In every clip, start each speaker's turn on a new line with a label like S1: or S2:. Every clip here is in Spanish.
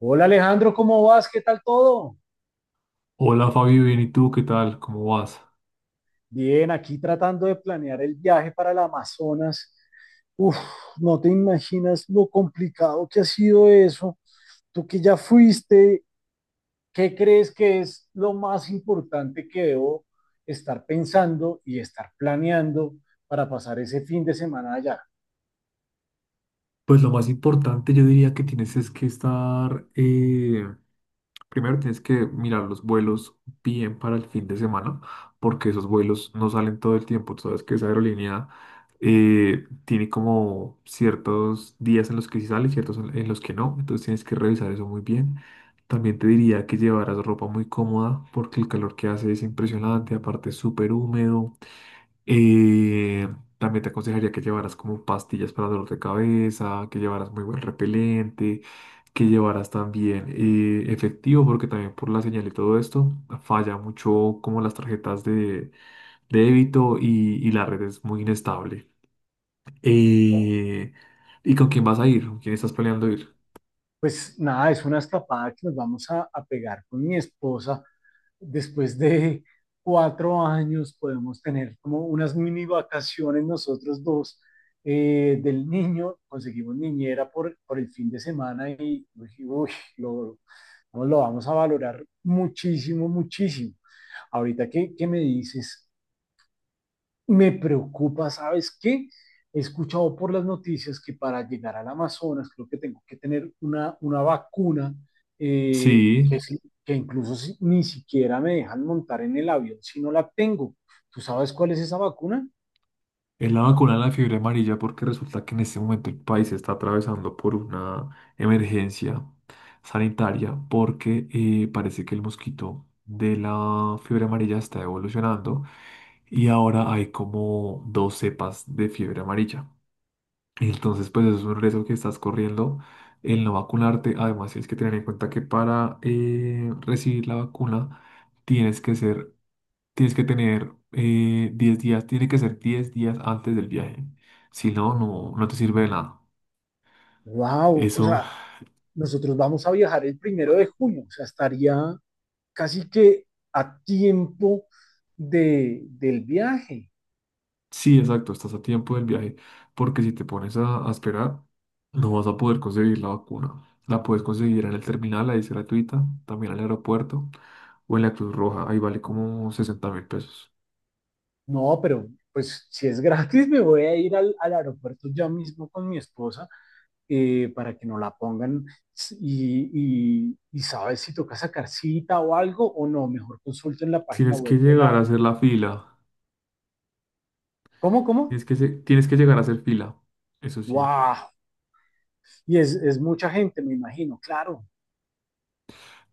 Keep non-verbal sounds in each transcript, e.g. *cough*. S1: Hola Alejandro, ¿cómo vas? ¿Qué tal todo?
S2: Hola Fabio, bien, ¿y tú qué tal? ¿Cómo vas?
S1: Bien, aquí tratando de planear el viaje para el Amazonas. Uf, no te imaginas lo complicado que ha sido eso. Tú que ya fuiste, ¿qué crees que es lo más importante que debo estar pensando y estar planeando para pasar ese fin de semana allá?
S2: Pues lo más importante yo diría que tienes es que estar, primero tienes que mirar los vuelos bien para el fin de semana, porque esos vuelos no salen todo el tiempo. Tú sabes que esa aerolínea tiene como ciertos días en los que sí sale, ciertos en los que no. Entonces tienes que revisar eso muy bien. También te diría que llevaras ropa muy cómoda, porque el calor que hace es impresionante, aparte es súper húmedo. Eh, También te aconsejaría que llevaras como pastillas para dolor de cabeza, que llevaras muy buen repelente, que llevaras también efectivo, porque también por la señal y todo esto falla mucho como las tarjetas de débito y la red es muy inestable. Eh, ¿Y con quién vas a ir? ¿Con quién estás planeando ir?
S1: Pues nada, es una escapada que nos vamos a, pegar con mi esposa después de 4 años podemos tener como unas mini vacaciones nosotros dos del niño, conseguimos niñera por, el fin de semana y uy, uy, lo, no, lo vamos a valorar muchísimo, muchísimo. Ahorita que me dices me preocupa, ¿sabes qué? He escuchado por las noticias que para llegar al Amazonas creo que tengo que tener una, vacuna
S2: Sí.
S1: que, que incluso ni siquiera me dejan montar en el avión si no la tengo. ¿Tú sabes cuál es esa vacuna?
S2: Es la vacuna de la fiebre amarilla porque resulta que en este momento el país está atravesando por una emergencia sanitaria porque parece que el mosquito de la fiebre amarilla está evolucionando y ahora hay como dos cepas de fiebre amarilla. Entonces, pues eso es un riesgo que estás corriendo el no vacunarte. Además, tienes que tener en cuenta que para recibir la vacuna tienes que ser tienes que tener 10 días, tiene que ser 10 días antes del viaje. Si no, no, no te sirve de nada.
S1: ¡Wow! O
S2: Eso,
S1: sea, nosotros vamos a viajar el 1 de junio, o sea, estaría casi que a tiempo de, del viaje.
S2: *laughs* sí, exacto, estás a tiempo del viaje, porque si te pones a esperar, no vas a poder conseguir la vacuna. La puedes conseguir en el terminal, ahí es gratuita, también al aeropuerto o en la Cruz Roja, ahí vale como 60.000 pesos.
S1: No, pero pues si es gratis me voy a ir al, aeropuerto ya mismo con mi esposa para que no la pongan y, sabes si toca sacar cita o algo o no, mejor consulten la página
S2: Tienes que
S1: web de
S2: llegar a
S1: la...
S2: hacer la fila,
S1: ¿Cómo, cómo?
S2: tienes que llegar a hacer fila, eso sí.
S1: ¡Wow! Y es mucha gente, me imagino, claro.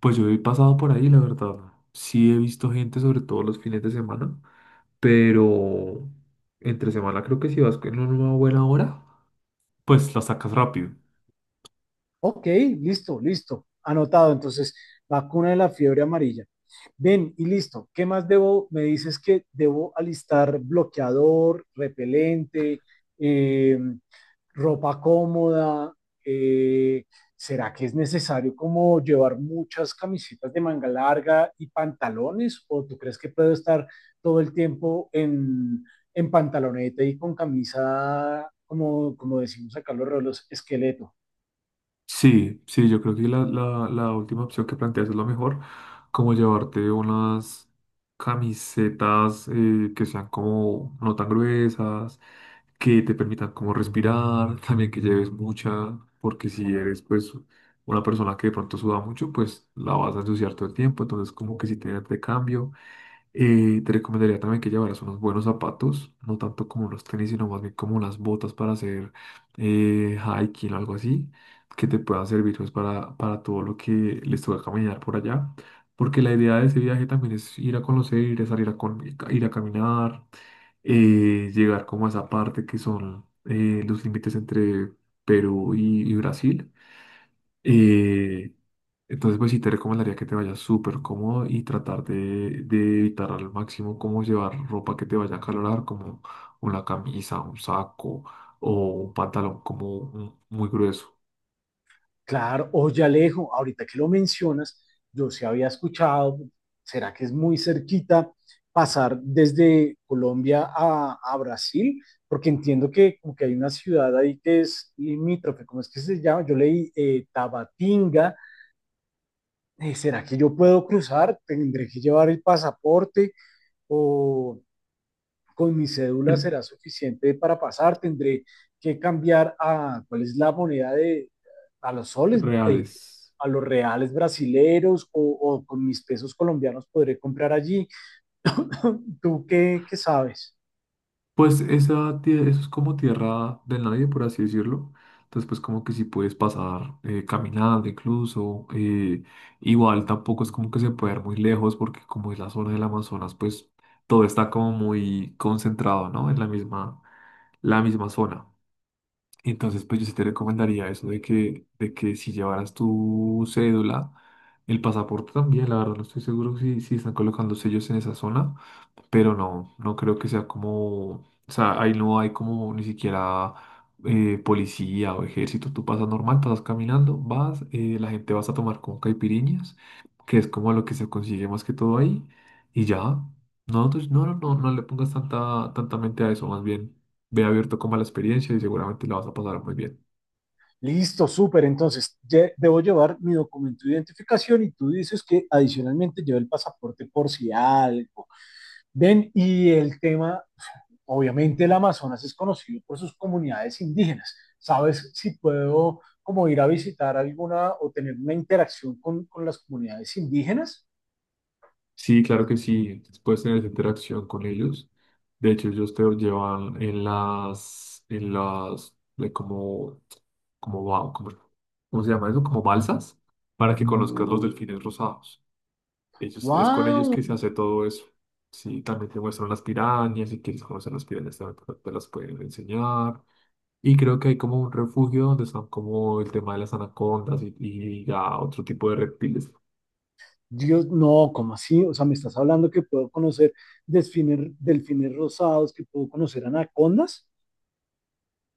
S2: Pues yo he pasado por ahí, la verdad. Sí he visto gente, sobre todo los fines de semana, pero entre semana creo que si vas en una buena hora, pues la sacas rápido.
S1: Ok, listo, listo, anotado. Entonces, vacuna de la fiebre amarilla. Ven, y listo. ¿Qué más debo? Me dices que debo alistar bloqueador, repelente, eh, ropa cómoda. eh, ¿Será que es necesario como llevar muchas camisetas de manga larga y pantalones? ¿O tú crees que puedo estar todo el tiempo en, pantaloneta y con camisa, como, decimos acá los rolos, esqueleto?
S2: Sí, sí, yo creo que la última opción que planteas es la mejor, como llevarte unas camisetas que sean como no tan gruesas, que te permitan como respirar, también que lleves mucha, porque si eres pues una persona que de pronto suda mucho, pues la vas a ensuciar todo el tiempo, entonces como que si tienes de cambio. Te recomendaría también que llevaras unos buenos zapatos, no tanto como los tenis, sino más bien como unas botas para hacer hiking o algo así, que te puedan servir pues, para todo lo que les toca caminar por allá. Porque la idea de ese viaje también es ir a conocer, ir a ir a caminar, llegar como a esa parte que son los límites entre Perú y Brasil. eh, entonces, pues sí te recomendaría que te vayas súper cómodo y tratar de evitar al máximo como llevar ropa que te vaya a acalorar, como una camisa, un saco o un pantalón muy grueso.
S1: Claro, oye Alejo, ahorita que lo mencionas, yo sí había escuchado, ¿será que es muy cerquita pasar desde Colombia a, Brasil? Porque entiendo que como que hay una ciudad ahí que es limítrofe, ¿cómo es que se llama? Yo leí Tabatinga. ¿Será que yo puedo cruzar? ¿Tendré que llevar el pasaporte? Con mi cédula será
S2: *laughs*
S1: suficiente para pasar, tendré que cambiar a, ¿cuál es la moneda de, a los soles,
S2: Reales.
S1: a los reales brasileros o, con mis pesos colombianos podré comprar allí? *coughs* *laughs* ¿Tú qué sabes?
S2: Eso es como tierra de nadie, por así decirlo. Entonces, pues como que si puedes pasar caminando incluso. Igual tampoco es como que se puede ir muy lejos, porque como es la zona del Amazonas, pues todo está como muy concentrado, ¿no? En la misma zona. Entonces, pues yo sí te recomendaría eso de que si llevaras tu cédula, el pasaporte también, la verdad no estoy seguro si, si están colocando sellos en esa zona, pero no, no creo que sea como, o sea, ahí no hay como ni siquiera policía o ejército, tú pasas normal, pasas caminando, vas, la gente vas a tomar con caipiriñas, que es como lo que se consigue más que todo ahí, y ya. No, entonces, no, no, no, no le pongas tanta, tanta mente a eso, más bien. Ve abierto como a la experiencia y seguramente la vas a pasar muy bien.
S1: Listo, súper. Entonces, debo llevar mi documento de identificación y tú dices que adicionalmente llevo el pasaporte por si algo. Ven, y el tema obviamente el Amazonas es conocido por sus comunidades indígenas. ¿Sabes si puedo como ir a visitar alguna o tener una interacción con, las comunidades indígenas?
S2: Sí, claro que sí, puedes tener esa interacción con ellos. De hecho, ellos te llevan en las, de como, como, ba- como- ¿cómo se llama eso? Como balsas, para que conozcas los delfines rosados. Ellos, es con ellos
S1: ¡Wow!
S2: que se hace todo eso. Sí, también te muestran las pirañas, si quieres conocer las pirañas también te las pueden enseñar. Y creo que hay como un refugio donde están como el tema de las anacondas y ya otro tipo de reptiles.
S1: Dios, no, ¿cómo así? O sea, me estás hablando que puedo conocer delfines, delfines rosados, que puedo conocer anacondas.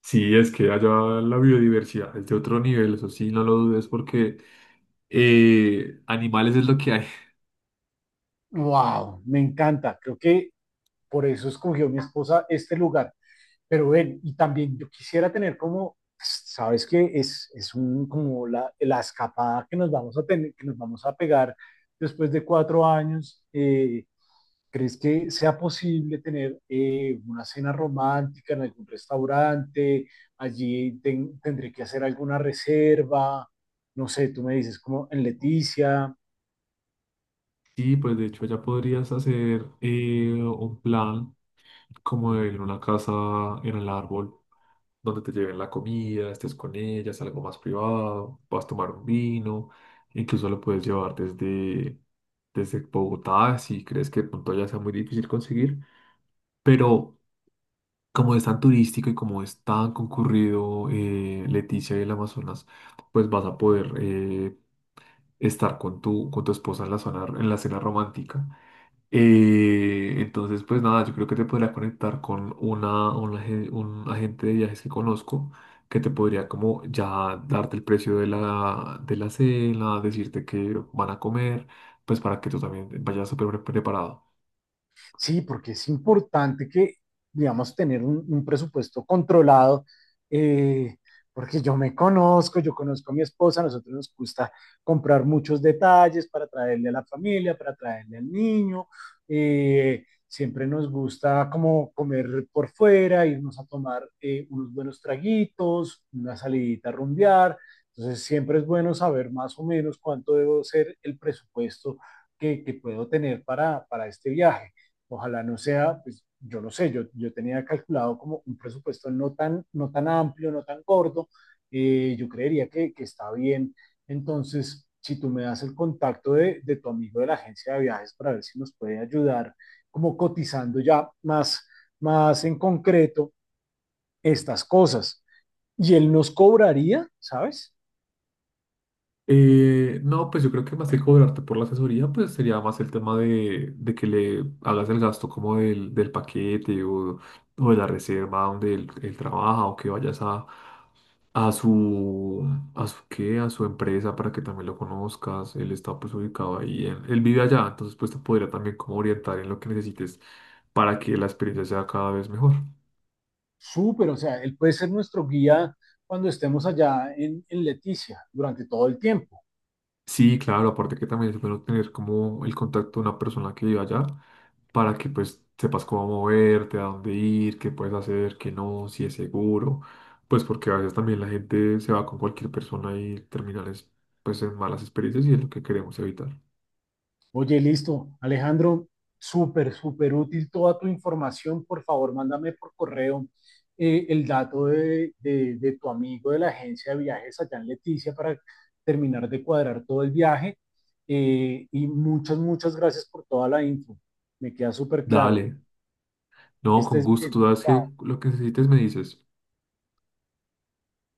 S2: Sí, es que allá la biodiversidad es de otro nivel, eso sí, no lo dudes, porque animales es lo que hay. *laughs*
S1: ¡Wow! Me encanta. Creo que por eso escogió mi esposa este lugar. Pero ven, y también yo quisiera tener como, pues, sabes que es un, como la, escapada que nos vamos a tener, que nos vamos a pegar después de 4 años. ¿Crees que sea posible tener una cena romántica en algún restaurante? Allí tendré que hacer alguna reserva. No sé, tú me dices como en Leticia.
S2: Sí, pues de hecho ya podrías hacer un plan como en una casa, en el árbol, donde te lleven la comida, estés con ellas, algo más privado, vas a tomar un vino, incluso lo puedes llevar desde, desde Bogotá, si crees que de pronto ya sea muy difícil conseguir, pero... Como es tan turístico y como es tan concurrido, Leticia y el Amazonas, pues vas a poder estar con tu esposa en la zona, en la cena romántica. Entonces, pues nada, yo creo que te podría conectar con una, un agente de viajes que conozco que te podría como ya darte el precio de la cena, decirte que van a comer, pues para que tú también vayas preparado.
S1: Sí, porque es importante que, digamos, tener un, presupuesto controlado, eh, porque yo me conozco, yo conozco a mi esposa, a nosotros nos gusta comprar muchos detalles para traerle a la familia, para traerle al niño, siempre nos gusta como comer por fuera, irnos a tomar unos buenos traguitos, una salidita a rumbear, entonces siempre es bueno saber más o menos cuánto debo ser el presupuesto que, puedo tener para, este viaje. Ojalá no sea, pues yo no sé, yo, tenía calculado como un presupuesto no tan, no tan amplio, no tan gordo, yo creería que, está bien. Entonces, si tú me das el contacto de, tu amigo de la agencia de viajes para ver si nos puede ayudar, como cotizando ya más, más en concreto estas cosas. Y él nos cobraría, ¿sabes?
S2: No, pues yo creo que más que cobrarte por la asesoría, pues sería más el tema de que le hagas el gasto como del, del paquete o de la reserva donde él trabaja, o que vayas a su, a su, ¿qué? A su empresa para que también lo conozcas. Él está pues ubicado ahí, él vive allá, entonces pues te podría también como orientar en lo que necesites para que la experiencia sea cada vez mejor.
S1: Súper, o sea, él puede ser nuestro guía cuando estemos allá en, Leticia durante todo el tiempo.
S2: Sí, claro, aparte que también es bueno tener como el contacto de una persona que vive allá para que pues sepas cómo moverte, a dónde ir, qué puedes hacer, qué no, si es seguro, pues porque a veces también la gente se va con cualquier persona y terminan pues en malas experiencias y es lo que queremos evitar.
S1: Oye, listo. Alejandro, súper, súper útil toda tu información. Por favor, mándame por correo el dato de, de tu amigo de la agencia de viajes allá en Leticia para terminar de cuadrar todo el viaje. Y muchas, muchas gracias por toda la info. Me queda súper claro.
S2: Dale,
S1: Que
S2: no, con
S1: estés
S2: gusto, tú
S1: bien.
S2: sabes que
S1: Chao.
S2: lo que necesites me dices.